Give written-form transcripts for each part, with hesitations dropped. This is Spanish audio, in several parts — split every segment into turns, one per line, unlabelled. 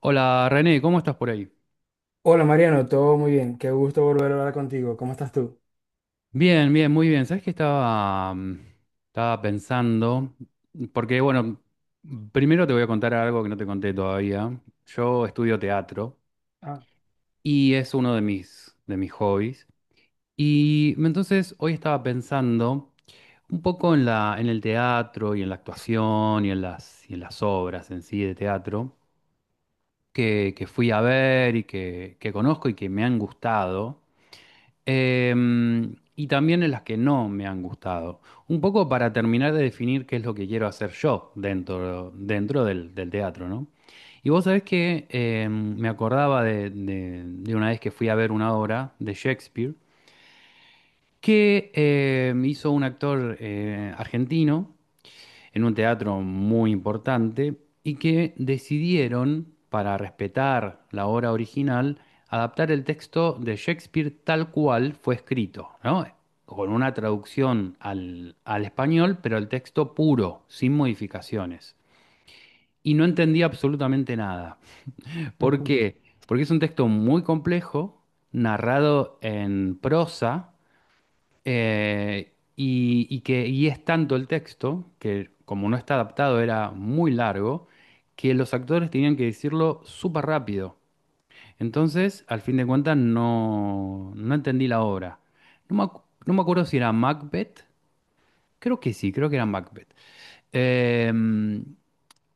Hola René, ¿cómo estás por ahí?
Hola Mariano, todo muy bien. Qué gusto volver a hablar contigo. ¿Cómo estás tú?
Bien, bien, muy bien. ¿Sabes qué estaba pensando? Porque, bueno, primero te voy a contar algo que no te conté todavía. Yo estudio teatro
Ah,
y es uno de mis hobbies. Y entonces hoy estaba pensando un poco en el teatro y en la actuación y en las obras en sí de teatro que fui a ver y que conozco y que me han gustado. Y también en las que no me han gustado. Un poco para terminar de definir qué es lo que quiero hacer yo dentro del teatro, ¿no? Y vos sabés que me acordaba de una vez que fui a ver una obra de Shakespeare que hizo un actor argentino en un teatro muy importante y que decidieron, para respetar la obra original, adaptar el texto de Shakespeare tal cual fue escrito, ¿no? Con una traducción al español, pero el texto puro, sin modificaciones. Y no entendí absolutamente nada. ¿Por
ujú.
qué? Porque es un texto muy complejo, narrado en prosa, y es tanto el texto, que como no está adaptado era muy largo, que los actores tenían que decirlo súper rápido. Entonces, al fin de cuentas, no entendí la obra. No me acuerdo si era Macbeth. Creo que sí, creo que era Macbeth. Em,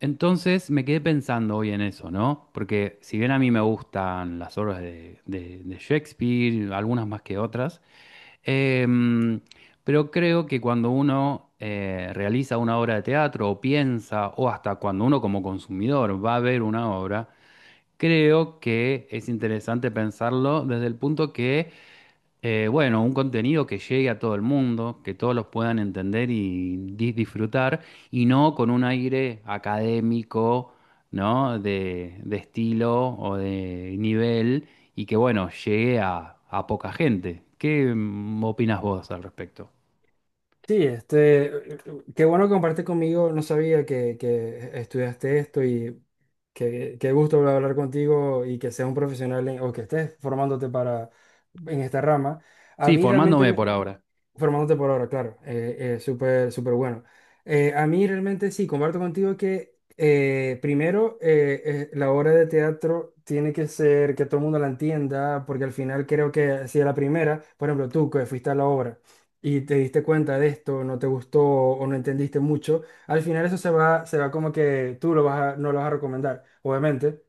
entonces me quedé pensando hoy en eso, ¿no? Porque si bien a mí me gustan las obras de Shakespeare, algunas más que otras. Em, pero creo que cuando uno realiza una obra de teatro o piensa, o hasta cuando uno como consumidor va a ver una obra, creo que es interesante pensarlo desde el punto que bueno, un contenido que llegue a todo el mundo, que todos los puedan entender y disfrutar, y no con un aire académico, ¿no? De estilo o de nivel, y que, bueno, llegue a poca gente. ¿Qué opinas vos al respecto?
Sí, qué bueno que compartes conmigo. No sabía que estudiaste esto y qué gusto volver a hablar contigo y que seas un profesional en- o que estés formándote para en esta rama. A
Sí,
mí
formándome
realmente
por ahora.
formándote por ahora, claro. Súper, súper bueno. A mí realmente sí, comparto contigo que primero la obra de teatro tiene que ser que todo el mundo la entienda, porque al final creo que si a la primera, por ejemplo, tú que fuiste a la obra y te diste cuenta de esto, no te gustó o no entendiste mucho, al final eso se va como que tú lo vas a- no lo vas a recomendar, obviamente.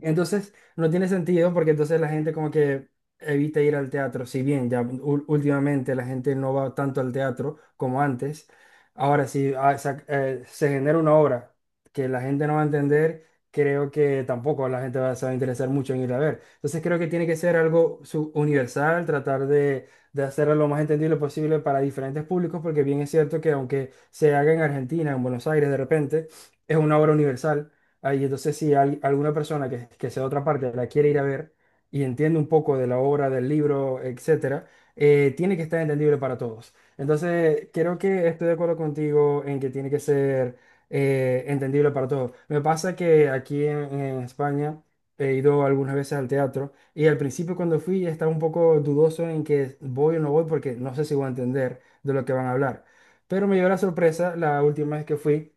Entonces, no tiene sentido porque entonces la gente como que evita ir al teatro, si bien ya ú- últimamente la gente no va tanto al teatro como antes, ahora si ah, sa- se genera una obra que la gente no va a entender, creo que tampoco la gente va, se va a interesar mucho en ir a ver. Entonces creo que tiene que ser algo su- universal, tratar de hacerlo lo más entendible posible para diferentes públicos, porque bien es cierto que aunque se haga en Argentina, en Buenos Aires de repente, es una obra universal. Ahí, entonces, si hay alguna persona que sea de otra parte la quiere ir a ver y entiende un poco de la obra, del libro, etcétera, tiene que estar entendible para todos. Entonces, creo que estoy de acuerdo contigo en que tiene que ser entendible para todos. Me pasa que aquí en España he ido algunas veces al teatro y al principio cuando fui estaba un poco dudoso en que voy o no voy porque no sé si voy a entender de lo que van a hablar. Pero me dio la sorpresa la última vez que fui.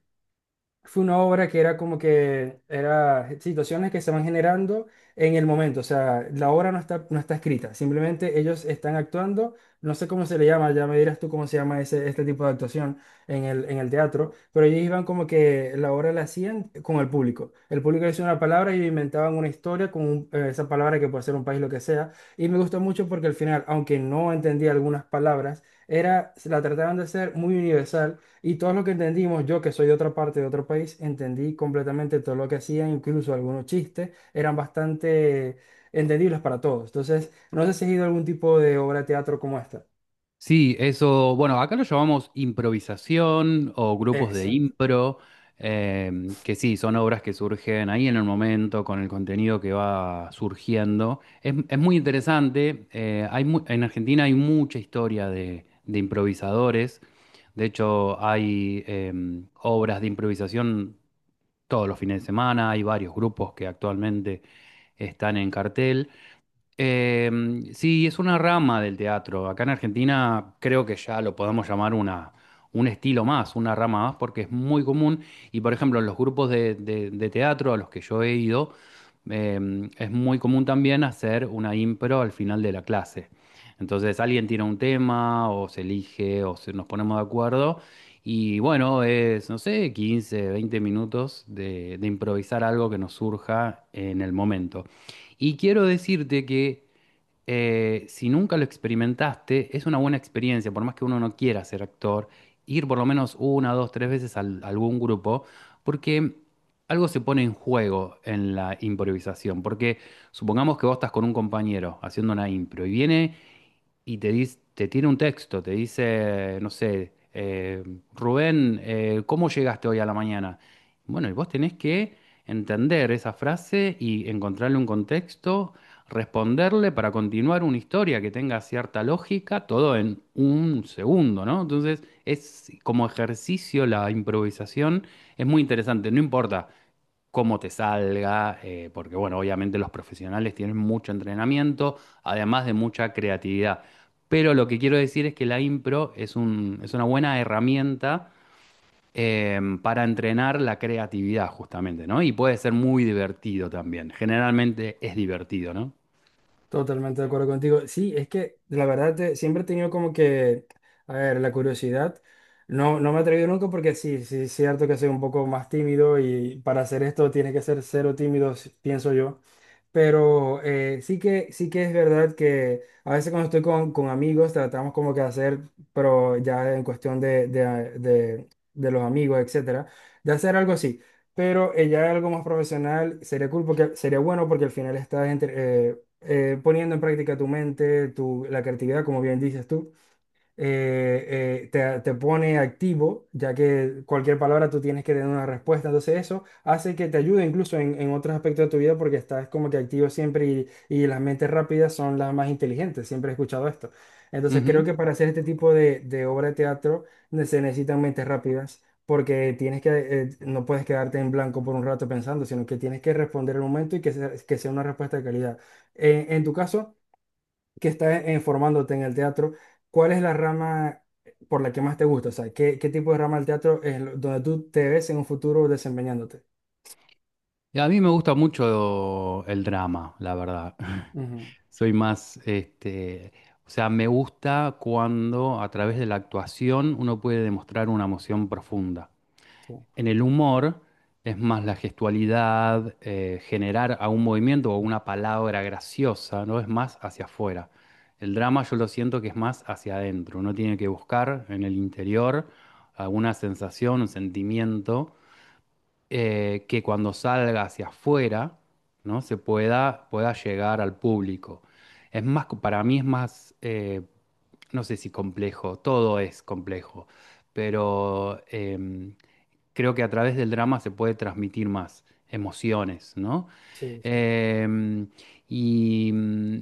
Fue una obra que era como que era situaciones que se van generando en el momento, o sea, la obra no está, no está escrita, simplemente ellos están actuando, no sé cómo se le llama, ya me dirás tú cómo se llama ese, este tipo de actuación en el teatro, pero ellos iban como que la obra la hacían con el público decía una palabra y inventaban una historia con un- esa palabra que puede ser un país, lo que sea, y me gustó mucho porque al final, aunque no entendía algunas palabras, era, la trataban de hacer muy universal y todo lo que entendimos, yo que soy de otra parte, de otro país, entendí completamente todo lo que hacían, incluso algunos chistes eran bastante entendibles para todos. Entonces, no sé si has ido a algún tipo de obra de teatro como esta.
Sí, eso, bueno, acá lo llamamos improvisación o grupos de
Exacto.
impro, que sí, son obras que surgen ahí en el momento con el contenido que va surgiendo. Es muy interesante. En Argentina hay mucha historia de improvisadores, de hecho hay obras de improvisación todos los fines de semana, hay varios grupos que actualmente están en cartel. Sí, es una rama del teatro. Acá en Argentina creo que ya lo podemos llamar un estilo más, una rama más, porque es muy común. Y por ejemplo, en los grupos de teatro a los que yo he ido, es muy común también hacer una impro al final de la clase. Entonces alguien tira un tema o se elige o nos ponemos de acuerdo. Y bueno, es, no sé, 15, 20 minutos de improvisar algo que nos surja en el momento. Y quiero decirte que si nunca lo experimentaste, es una buena experiencia, por más que uno no quiera ser actor, ir por lo menos una, dos, tres veces a algún grupo, porque algo se pone en juego en la improvisación, porque supongamos que vos estás con un compañero haciendo una impro y viene y te dice, te tiene un texto, te dice, no sé, Rubén, ¿cómo llegaste hoy a la mañana? Bueno, y vos tenés que entender esa frase y encontrarle un contexto, responderle para continuar una historia que tenga cierta lógica, todo en un segundo, ¿no? Entonces, es como ejercicio la improvisación, es muy interesante, no importa cómo te salga, porque bueno, obviamente los profesionales tienen mucho entrenamiento, además de mucha creatividad. Pero lo que quiero decir es que la impro es un, es una buena herramienta para entrenar la creatividad justamente, ¿no? Y puede ser muy divertido también. Generalmente es divertido, ¿no?
Totalmente de acuerdo contigo. Sí, es que la verdad te- siempre he tenido como que, a ver, la curiosidad. No, no me he atrevido nunca porque sí, sí, es cierto que soy un poco más tímido y para hacer esto tienes que ser cero tímido, si- pienso yo. Pero sí sí que es verdad que a veces cuando estoy con amigos tratamos como que hacer, pero ya en cuestión de los amigos, etcétera, de hacer algo así. Pero ya algo más profesional sería cool porque sería bueno porque al final estás entre- poniendo en práctica tu mente, tu, la creatividad, como bien dices tú. Te pone activo, ya que cualquier palabra tú tienes que tener una respuesta. Entonces eso hace que te ayude incluso en otros aspectos de tu vida porque estás como que activo siempre y las mentes rápidas son las más inteligentes. Siempre he escuchado esto. Entonces creo
Ujú.
que para hacer este tipo de obra de teatro ne- se necesitan mentes rápidas. Porque tienes que, no puedes quedarte en blanco por un rato pensando, sino que tienes que responder el momento y que sea una respuesta de calidad. En tu caso, que estás formándote en el teatro, ¿cuál es la rama por la que más te gusta? O sea, qué tipo de rama del teatro es lo- donde tú te ves en un futuro desempeñándote?
Y a mí me gusta mucho el drama, la verdad.
Ujú,
Soy más, este, o sea, me gusta cuando a través de la actuación uno puede demostrar una emoción profunda.
sí.
En el humor es más la gestualidad, generar a un movimiento o una palabra graciosa, ¿no? Es más hacia afuera. El drama yo lo siento que es más hacia adentro. Uno tiene que buscar en el interior alguna sensación, un sentimiento que cuando salga hacia afuera, ¿no? Pueda llegar al público. Es más, para mí es más, no sé si complejo, todo es complejo, pero creo que a través del drama se puede transmitir más emociones, ¿no?
Sí, sí,
Em, y,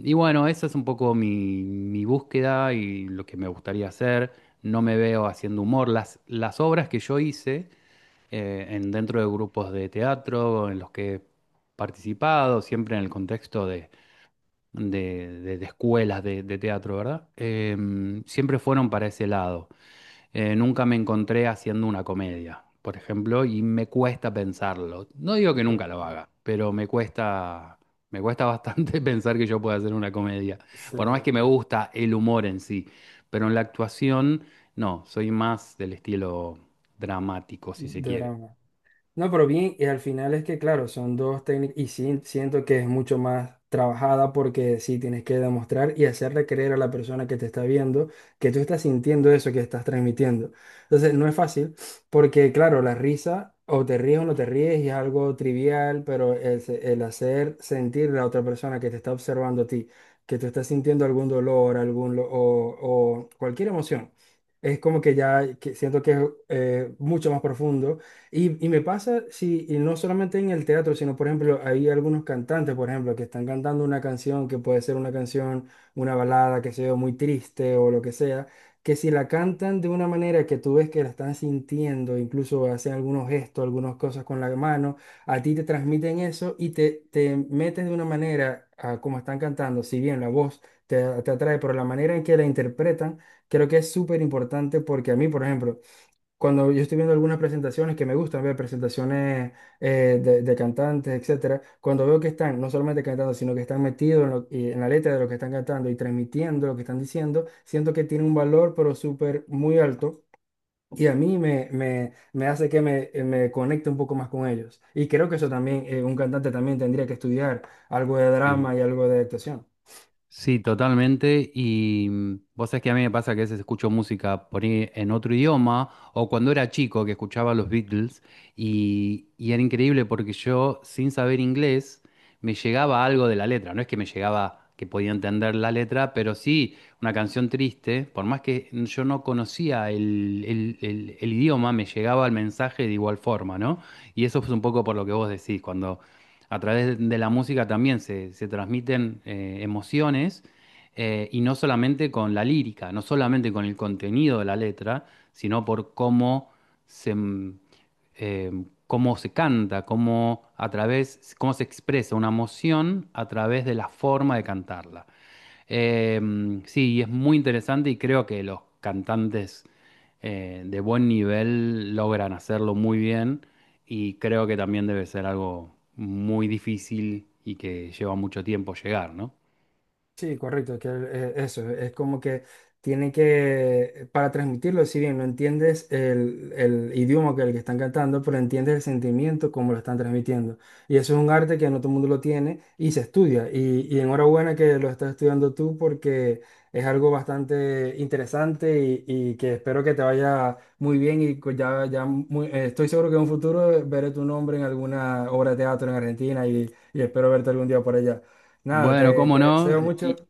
y bueno, esa es un poco mi búsqueda y lo que me gustaría hacer. No me veo haciendo humor. Las obras que yo hice dentro de grupos de teatro en los que he participado, siempre en el contexto de escuelas de teatro, ¿verdad? Siempre fueron para ese lado. Nunca me encontré haciendo una comedia, por ejemplo, y me cuesta pensarlo. No digo que nunca
claro.
lo haga, pero me cuesta bastante pensar que yo pueda hacer una comedia. Por más
Sí,
que me gusta el humor en sí, pero en la actuación, no, soy más del estilo dramático, si se
de
quiere.
drama. No, pero bien, y al final es que, claro, son dos técnicas y sí, siento que es mucho más trabajada porque sí tienes que demostrar y hacerle creer a la persona que te está viendo que tú estás sintiendo eso que estás transmitiendo. Entonces, no es fácil porque, claro, la risa o te ríes o no te ríes y es algo trivial, pero el, se- el hacer sentir a la otra persona que te está observando a ti, que tú estás sintiendo algún dolor, algún lo- o cualquier emoción, es como que ya que siento que es mucho más profundo y me pasa, sí, y no solamente en el teatro, sino, por ejemplo, hay algunos cantantes, por ejemplo, que están cantando una canción que puede ser una canción, una balada, que sea muy triste o lo que sea, que si la cantan de una manera que tú ves que la están sintiendo, incluso hacen algunos gestos, algunas cosas con la mano, a ti te transmiten eso y te metes de una manera a como están cantando, si bien la voz te atrae, pero la manera en que la interpretan, creo que es súper importante porque a mí, por ejemplo, cuando yo estoy viendo algunas presentaciones que me gustan ver, presentaciones de cantantes, etcétera, cuando veo que están no solamente cantando, sino que están metidos en, lo- y en la letra de lo que están cantando y transmitiendo lo que están diciendo, siento que tiene un valor, pero súper muy alto. Y a mí me hace que me, me conecte un poco más con ellos. Y creo que eso también, un cantante también tendría que estudiar algo de
Sí.
drama y algo de actuación.
Sí, totalmente. Y vos sabés que a mí me pasa que a veces escucho música por ahí en otro idioma o cuando era chico que escuchaba los Beatles y era increíble porque yo sin saber inglés me llegaba algo de la letra. No es que me llegaba que podía entender la letra, pero sí una canción triste, por más que yo no conocía el idioma, me llegaba el mensaje de igual forma, ¿no? Y eso es un poco por lo que vos decís, cuando a través de la música también se transmiten emociones y no solamente con la lírica, no solamente con el contenido de la letra, sino por cómo se, mm, eh, cómo se canta, cómo se expresa una emoción a través de la forma de cantarla. Eh, sí, y es muy interesante y creo que los cantantes de buen nivel logran hacerlo muy bien y creo que también debe ser algo muy difícil y que lleva mucho tiempo llegar, ¿no?
Sí, correcto, es como que tienen que, para transmitirlo, si bien no entiendes el idioma que el que están cantando, pero entiendes el sentimiento como lo están transmitiendo. Y eso es un arte que no todo el mundo lo tiene y se estudia. Y enhorabuena que lo estás estudiando tú porque es algo bastante interesante y que espero que te vaya muy bien y co- ya muy- estoy seguro que en un futuro veré tu nombre en alguna obra de teatro en Argentina y espero verte algún día por allá. Nada,
Bueno, cómo
te
no.
deseo
eh,
mucho.
Y,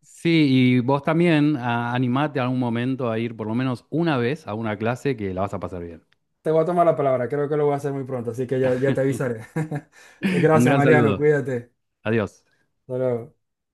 sí, y vos también animate algún momento a ir por lo menos una vez a una clase que la vas a pasar bien.
Te voy a tomar la palabra, creo que lo voy a hacer muy pronto, así que ya te avisaré.
Un
Gracias,
gran
Mariano,
saludo.
cuídate.
Adiós.
Hasta luego.